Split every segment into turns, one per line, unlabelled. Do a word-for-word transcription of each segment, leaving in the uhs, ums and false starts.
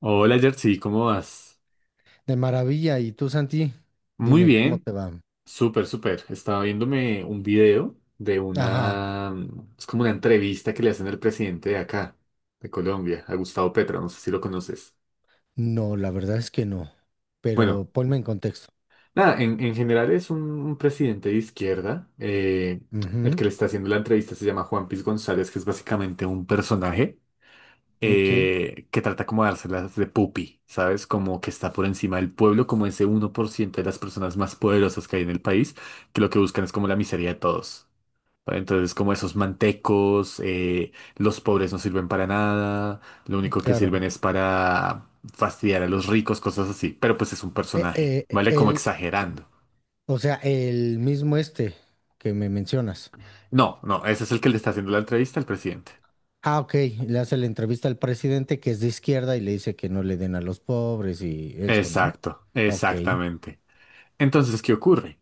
Hola Jersey, ¿cómo vas?
De maravilla. ¿Y tú, Santi?
Muy
Dime, ¿cómo
bien,
te va?
súper, súper. Estaba viéndome un video de
Ajá.
una, mm, es como una entrevista que le hacen al presidente de acá, de Colombia, a Gustavo Petro, no sé si lo conoces.
No, la verdad es que no.
Bueno,
Pero ponme en contexto.
nada, en, en general es un, un presidente de izquierda. eh, el que
Ujú.
le está haciendo la entrevista se llama Juan Piz González, que es básicamente un personaje.
Ok,
eh, que trata como de dárselas de pupi, ¿sabes? Como que está por encima del pueblo, como ese uno por ciento de las personas más poderosas que hay en el país, que lo que buscan es como la miseria de todos. ¿Vale? Entonces, como esos mantecos, eh, los pobres no sirven para nada, lo único que
claro.
sirven es para fastidiar a los ricos, cosas así. Pero pues es un
Eh,
personaje,
eh,
¿vale? Como
el,
exagerando.
o sea, el mismo este que me mencionas.
No, no, ese es el que le está haciendo la entrevista al presidente.
Ah, ok. Le hace la entrevista al presidente que es de izquierda y le dice que no le den a los pobres y eso, ¿no?
Exacto,
Ok.
exactamente. Entonces, ¿qué ocurre?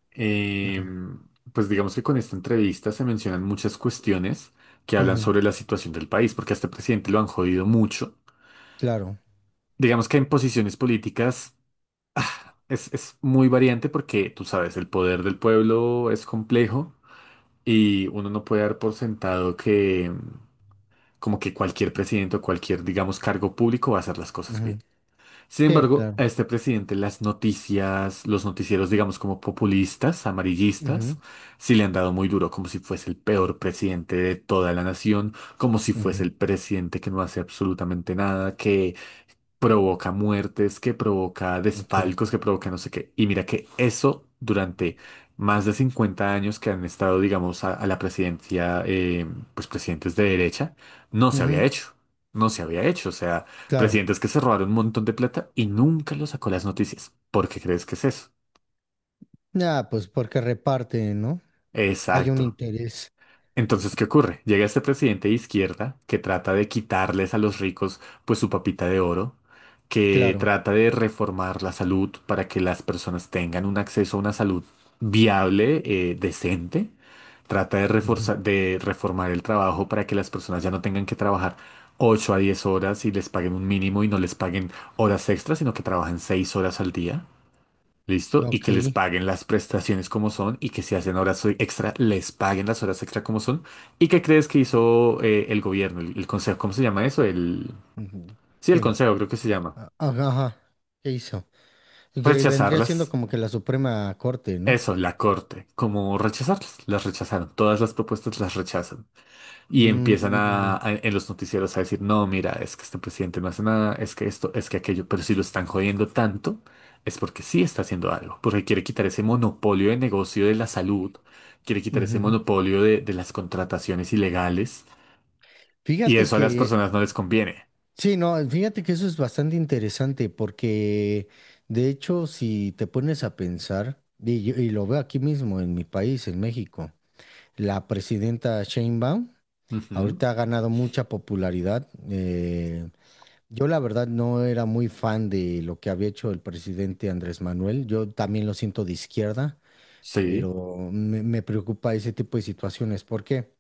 Ujú.
Em, pues digamos que con esta entrevista se mencionan muchas cuestiones que hablan
Ujú.
sobre la situación del país, porque a este presidente lo han jodido mucho.
Claro.
Digamos que en posiciones políticas es, es muy variante porque, tú sabes, el poder del pueblo es complejo y uno no puede dar por sentado que em, como que cualquier presidente o cualquier, digamos, cargo público va a hacer las cosas bien.
Ujú.
Sin
Sí,
embargo,
claro.
a este presidente las noticias, los noticieros, digamos, como populistas, amarillistas,
Ujú.
sí le han dado muy duro, como si fuese el peor presidente de toda la nación, como si fuese
Ujú.
el presidente que no hace absolutamente nada, que provoca muertes, que provoca
Ok.
desfalcos, que provoca no sé qué. Y mira que eso durante más de cincuenta años que han estado, digamos, a, a la presidencia, eh, pues presidentes de derecha, no se había
Ujú.
hecho. No se había hecho. O sea,
Claro.
presidentes que se robaron un montón de plata y nunca lo sacó las noticias. ¿Por qué crees que es eso?
Ah, pues porque reparten, ¿no? Hay un
Exacto.
interés,
Entonces, ¿qué ocurre? Llega este presidente de izquierda que trata de quitarles a los ricos pues su papita de oro, que
claro.
trata de reformar la salud para que las personas tengan un acceso a una salud viable, eh, decente, trata de
Ujú.
reforzar, de reformar el trabajo para que las personas ya no tengan que trabajar ocho a diez horas y les paguen un mínimo y no les paguen horas extras, sino que trabajen seis horas al día. ¿Listo? Y
Ok.
que les paguen las prestaciones como son y que si hacen horas extra, les paguen las horas extra como son. ¿Y qué crees que hizo eh, el gobierno, el, el consejo? ¿Cómo se llama eso? El.
Ujú.
Sí, el
¿Quién?
consejo creo que se llama.
Ah. Ajá, ajá. ¿Qué hizo? Que vendría siendo
Rechazarlas.
como que la Suprema Corte, ¿no?
Eso, la corte. ¿Cómo rechazarlas? Las rechazaron. Todas las propuestas las rechazan. Y empiezan
Mm.
a, a- en los noticieros a decir, no, mira, es que este presidente no hace nada, es que esto, es que aquello, pero si lo están jodiendo tanto, es porque sí está haciendo algo, porque quiere quitar ese monopolio de negocio de la salud, quiere quitar ese
Ujú.
monopolio de, de las contrataciones ilegales, y
Fíjate
eso a las
que,
personas no les conviene.
sí, no, fíjate que eso es bastante interesante porque, de hecho, si te pones a pensar, y, yo- y lo veo aquí mismo en mi país, en México. La presidenta Sheinbaum
Ujú,
ahorita ha ganado mucha popularidad. eh, Yo la verdad no era muy fan de lo que había hecho el presidente Andrés Manuel. Yo también lo siento de izquierda,
sí,
pero me, me preocupa ese tipo de situaciones. ¿Por qué?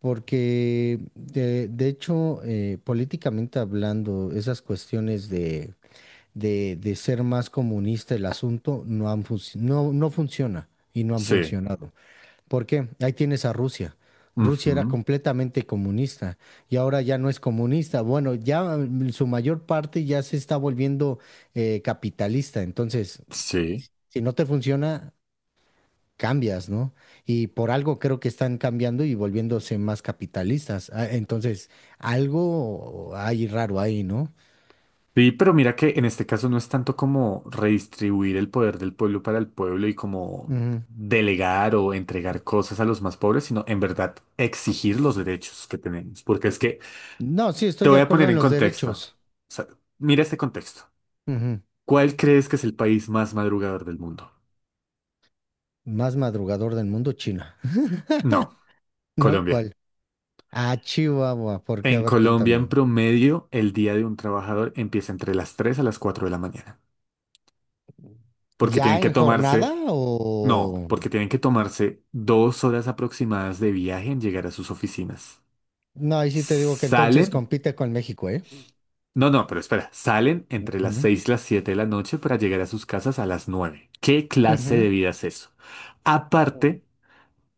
Porque de, de hecho, eh, políticamente hablando, esas cuestiones de, de, de ser más comunista el asunto no han func- no, no funciona y no han
sí,
funcionado. ¿Por qué? Ahí tienes a Rusia. Rusia era
ujú,
completamente comunista y ahora ya no es comunista. Bueno, ya mm, su mayor parte ya se está volviendo eh, capitalista. Entonces,
sí.
si no te funciona, cambias, ¿no? Y por algo creo que están cambiando y volviéndose más capitalistas. Ah, entonces, algo hay raro ahí, ¿no?
Sí, pero mira que en este caso no es tanto como redistribuir el poder del pueblo para el pueblo y como
Ujú.
delegar o entregar cosas a los más pobres, sino en verdad exigir los derechos que tenemos. Porque es que
No, sí,
te
estoy de
voy a
acuerdo
poner
en
en
los
contexto. O
derechos.
sea, mira este contexto.
Ujú.
¿Cuál crees que es el país más madrugador del mundo?
Más madrugador del mundo, China.
No,
¿No?
Colombia.
¿Cuál? Ah, Chihuahua. ¿Por qué? A
En
ver,
Colombia, en
cuéntame.
promedio, el día de un trabajador empieza entre las tres a las cuatro de la mañana, porque tienen
¿Ya
que
en jornada
tomarse. No,
o...?
porque tienen que tomarse dos horas aproximadas de viaje en llegar a sus oficinas.
No, ahí sí te digo que entonces
Salen,
compite con México, ¿eh?
no, no, pero espera, salen entre las
Ujú,
seis y las siete de la noche para llegar a sus casas a las nueve. ¿Qué clase de
ujú.
vida es eso?
Mm.
Aparte,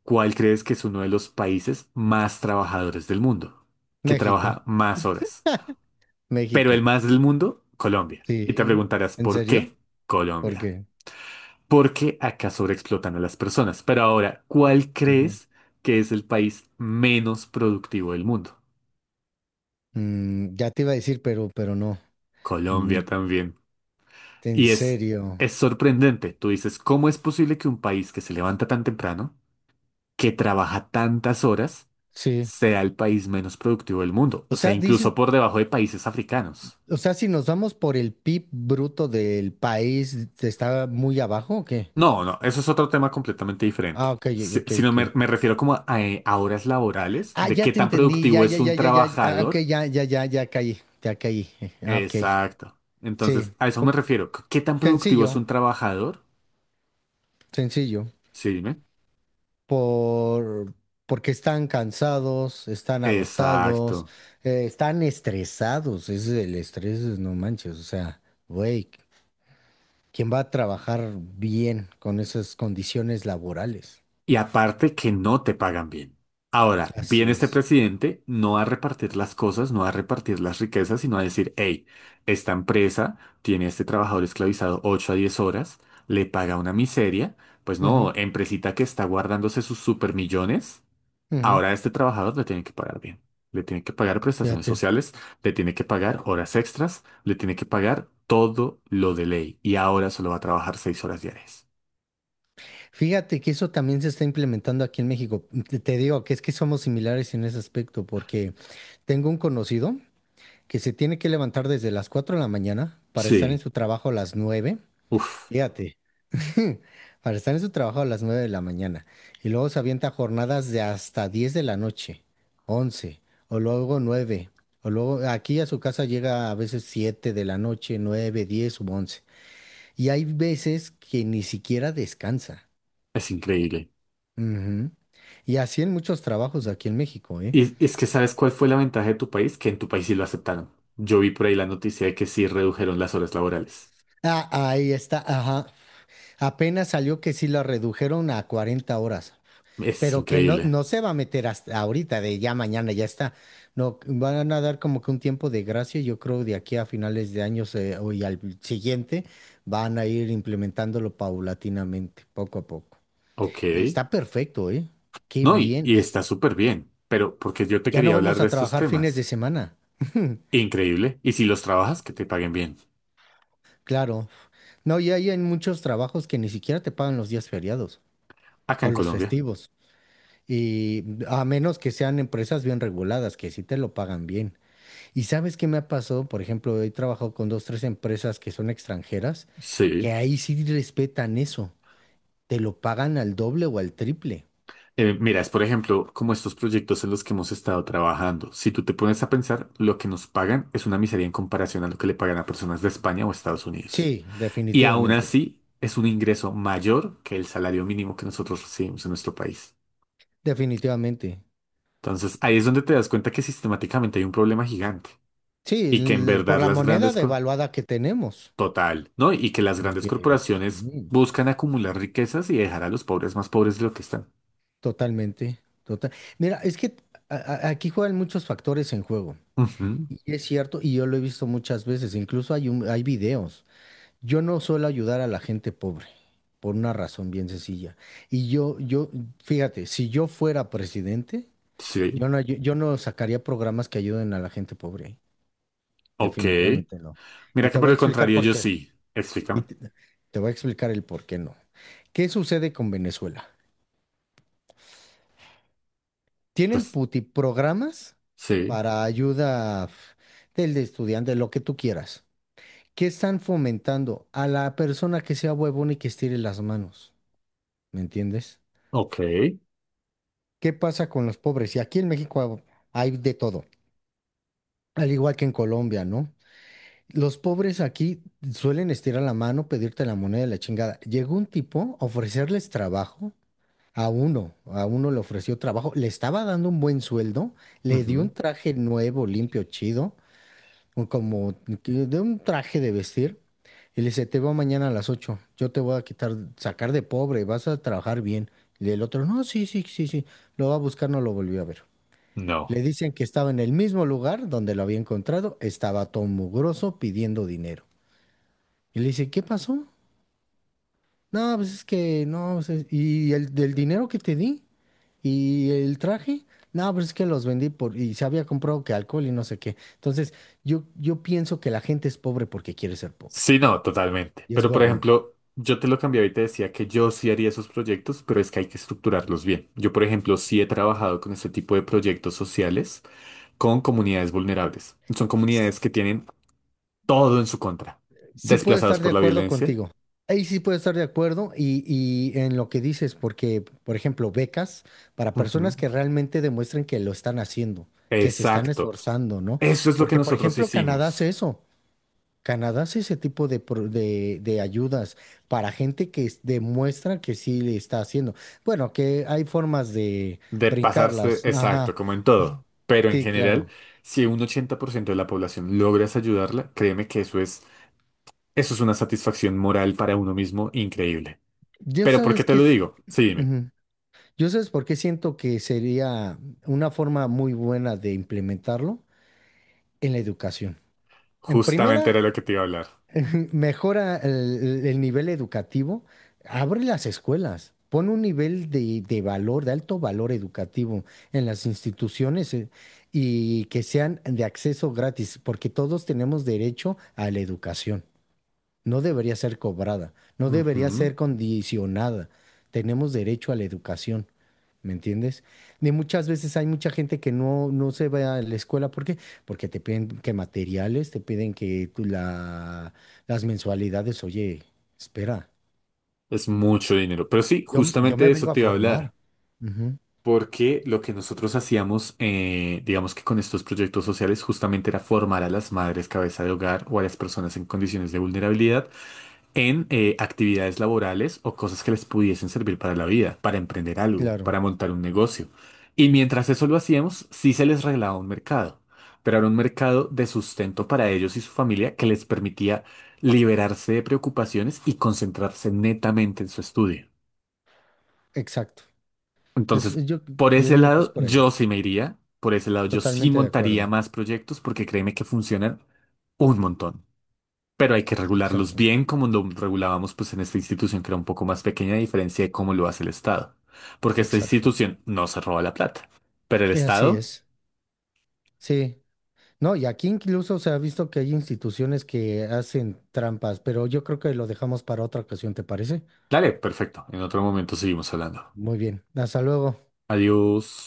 ¿cuál crees que es uno de los países más trabajadores del mundo? Que
México.
trabaja más horas. Pero el
México.
más del mundo, Colombia. Y te
Sí.
preguntarás,
¿En
¿por qué
serio? ¿Por
Colombia?
qué?
Porque acá sobreexplotan a las personas. Pero ahora, ¿cuál
Ujú.
crees que es el país menos productivo del mundo?
Mm, ya te iba a decir, pero, pero no. Mm,
Colombia también.
en
Y es,
serio.
es sorprendente. Tú dices, ¿cómo es posible que un país que se levanta tan temprano, que trabaja tantas horas,
Sí.
sea el país menos productivo del mundo?
O
O sea,
sea, dices,
incluso por debajo de países africanos.
o sea, si nos vamos por el P I B bruto del país, ¿te ¿está muy abajo o qué?
No, no, eso es otro tema completamente diferente.
Ah, ok,
Si-
ok,
Sino me,
ok.
me refiero como a, eh, a horas laborales,
Ah,
de
ya
qué
te
tan
entendí, ya,
productivo
ya,
es un
ya, ya, ya, ah, ok,
trabajador.
ya, ya, ya, ya caí, ya caí, eh, ah, ok,
Exacto.
sí.
Entonces, a eso me
Por-
refiero. C- ¿Qué tan productivo es
Sencillo,
un trabajador?
sencillo,
Sí, dime.
por, porque están cansados, están agotados,
Exacto.
eh, están estresados, ese es el estrés, no manches, o sea, güey, ¿quién va a trabajar bien con esas condiciones laborales?
Y aparte que no te pagan bien. Ahora,
Así
viene este
es.
presidente no a repartir las cosas, no a repartir las riquezas, sino a decir, hey, esta empresa tiene a este trabajador esclavizado ocho a diez horas, le paga una miseria, pues
Ujú,
no, empresita que está guardándose sus supermillones.
ujú,
Ahora a este trabajador le tienen que pagar bien. Le tienen que pagar
ya.
prestaciones sociales, le tiene que pagar horas extras, le tiene que pagar todo lo de ley. Y ahora solo va a trabajar seis horas diarias.
Fíjate que eso también se está implementando aquí en México. Te te digo que es que somos similares en ese aspecto, porque tengo un conocido que se tiene que levantar desde las cuatro de la mañana para estar en
Sí,
su trabajo a las nueve.
uf,
Fíjate. Para estar en su trabajo a las nueve de la mañana. Y luego se avienta jornadas de hasta diez de la noche, once o luego nueve. O luego aquí a su casa llega a veces siete de la noche, nueve, diez, u once. Y hay veces que ni siquiera descansa.
es increíble.
Ujú. Y así en muchos trabajos aquí en México, ¿eh?
Y es que ¿sabes cuál fue la ventaja de tu país? Que en tu país sí lo aceptaron. Yo vi por ahí la noticia de que sí redujeron las horas laborales.
Ah, ahí está, ajá. Apenas salió que sí la redujeron a cuarenta horas,
Es
pero que no,
increíble.
no se va a meter hasta ahorita, de ya mañana, ya está. No, van a dar como que un tiempo de gracia, yo creo de aquí a finales de años eh, o y al siguiente van a ir implementándolo paulatinamente, poco a poco.
Ok.
Y está perfecto, ¿eh? Qué
No, y,
bien.
y está súper bien. Pero porque yo te
Ya no
quería hablar
vamos
de
a
estos
trabajar fines de
temas.
semana.
Increíble. Y si los trabajas, que te paguen bien.
Claro. No, y hay en muchos trabajos que ni siquiera te pagan los días feriados
Acá
o
en
los
Colombia.
festivos. Y a menos que sean empresas bien reguladas, que sí te lo pagan bien. ¿Y sabes qué me ha pasado? Por ejemplo, he trabajado con dos, tres empresas que son extranjeras, que
Sí.
ahí sí respetan eso. Te lo pagan al doble o al triple.
Eh, mira, es por ejemplo como estos proyectos en los que hemos estado trabajando. Si tú te pones a pensar, lo que nos pagan es una miseria en comparación a lo que le pagan a personas de España o Estados Unidos.
Sí,
Y aún
definitivamente.
así, es un ingreso mayor que el salario mínimo que nosotros recibimos en nuestro país.
Definitivamente.
Entonces, ahí es donde te das cuenta que sistemáticamente hay un problema gigante.
Sí,
Y que en
l- por
verdad
la
las
moneda
grandes... co-
devaluada que tenemos.
Total, ¿no? Y que las grandes
Porque
corporaciones
sí.
buscan acumular riquezas y dejar a los pobres más pobres de lo que están.
Totalmente, total. Mira, es que a- a- aquí juegan muchos factores en juego.
Ujú,
Y es cierto, y yo lo he visto muchas veces, incluso hay un- hay videos. Yo no suelo ayudar a la gente pobre, por una razón bien sencilla. Y yo, yo, fíjate, si yo fuera presidente,
sí,
yo no, ayu- yo no sacaría programas que ayuden a la gente pobre.
ok.
Definitivamente no. Y
Mira
te
que por
voy a
el
explicar
contrario,
por
yo
qué.
sí.
Y
Explícame.
te te voy a explicar el por qué no. ¿Qué sucede con Venezuela? Tienen
Pues
puti programas
sí,
para ayuda f- del de estudiante, lo que tú quieras. ¿Qué están fomentando? A la persona que sea huevona y que estire las manos. ¿Me entiendes?
ok.
¿Qué pasa con los pobres? Y aquí en México hay de todo, al igual que en Colombia, ¿no? Los pobres aquí suelen estirar la mano, pedirte la moneda de la chingada. Llegó un tipo a ofrecerles trabajo a uno, a uno le ofreció trabajo, le estaba dando un buen sueldo, le dio
Ujú,
un traje nuevo, limpio, chido un- como que- de un traje de vestir y le dice, te veo mañana a las ocho, yo te voy a quitar, sacar de pobre, vas a trabajar bien. Y el otro, no, sí, sí, sí, sí, lo va a buscar, no lo volvió a ver.
no.
Le dicen que estaba en el mismo lugar donde lo había encontrado, estaba todo mugroso pidiendo dinero. Y le dice, ¿qué pasó? No, pues es que no, pues es- y el del dinero que te di y el traje, no, pues es que los vendí por y se había comprado que alcohol y no sé qué. Entonces, yo yo pienso que la gente es pobre porque quiere ser pobre
Sí, no, totalmente.
y es
Pero por
huevona.
ejemplo, yo te lo cambiaba y te decía que yo sí haría esos proyectos, pero es que hay que estructurarlos bien. Yo, por ejemplo, sí he trabajado con este tipo de proyectos sociales con comunidades vulnerables. Son
S-
comunidades que tienen todo en su contra.
Sí puedo
Desplazados
estar de
por la
acuerdo
violencia.
contigo. Ahí sí puedo estar de acuerdo y, y en lo que dices, porque, por ejemplo, becas para
Ujú,
personas que realmente demuestren que lo están haciendo, que se están
exacto.
esforzando, ¿no?
Eso es lo que
Porque, por
nosotros
ejemplo, Canadá hace
hicimos.
eso. Canadá hace ese tipo de, pro- de, de ayudas para gente que es- demuestra que sí le está haciendo. Bueno, que hay formas de
De pasarse,
brincarlas.
exacto,
Ajá,
como en todo. Pero en
sí,
general,
claro.
si un ochenta por ciento de la población logras ayudarla, créeme que eso es, eso es una satisfacción moral para uno mismo increíble.
Yo
Pero ¿por qué
sabes
te
que...
lo
es-
digo? Sí, dime.
Ujú. Yo sabes por qué siento que sería una forma muy buena de implementarlo en la educación. En
Justamente
primera,
era lo que te iba a hablar.
mejora el, el nivel educativo, abre las escuelas, pone un nivel de, de valor, de alto valor educativo en las instituciones eh, y que sean de acceso gratis, porque todos tenemos derecho a la educación. No debería ser cobrada, no debería
Ujú.
ser condicionada. Tenemos derecho a la educación, ¿me entiendes? De muchas veces hay mucha gente que no, no se va a la escuela. ¿Por qué? Porque te piden que materiales, te piden que tú la, las mensualidades. Oye, espera,
Es mucho dinero. Pero sí,
yo, yo
justamente de
me
eso
vengo a
te iba a
formar.
hablar.
Ujú.
Porque lo que nosotros hacíamos, eh, digamos que con estos proyectos sociales, justamente era formar a las madres cabeza de hogar o a las personas en condiciones de vulnerabilidad en eh, actividades laborales o cosas que les pudiesen servir para la vida, para emprender algo,
Claro,
para montar un negocio. Y mientras eso lo hacíamos, sí se les regalaba un mercado, pero era un mercado de sustento para ellos y su familia que les permitía liberarse de preocupaciones y concentrarse netamente en su estudio.
exacto. Es-
Entonces,
yo,
por
yo
ese
digo que es
lado,
por ahí.
yo sí me iría, por ese lado, yo sí
Totalmente de
montaría
acuerdo.
más proyectos porque créeme que funcionan un montón. Pero hay que regularlos
Exacto,
bien como lo regulábamos pues en esta institución que era un poco más pequeña a diferencia de cómo lo hace el Estado. Porque esta
exacto.
institución no se roba la plata. Pero el
Eh, Así
Estado,
es. Sí. No, y aquí incluso se ha visto que hay instituciones que hacen trampas, pero yo creo que lo dejamos para otra ocasión, ¿te parece?
dale, perfecto. En otro momento seguimos hablando.
Muy bien, hasta luego.
Adiós.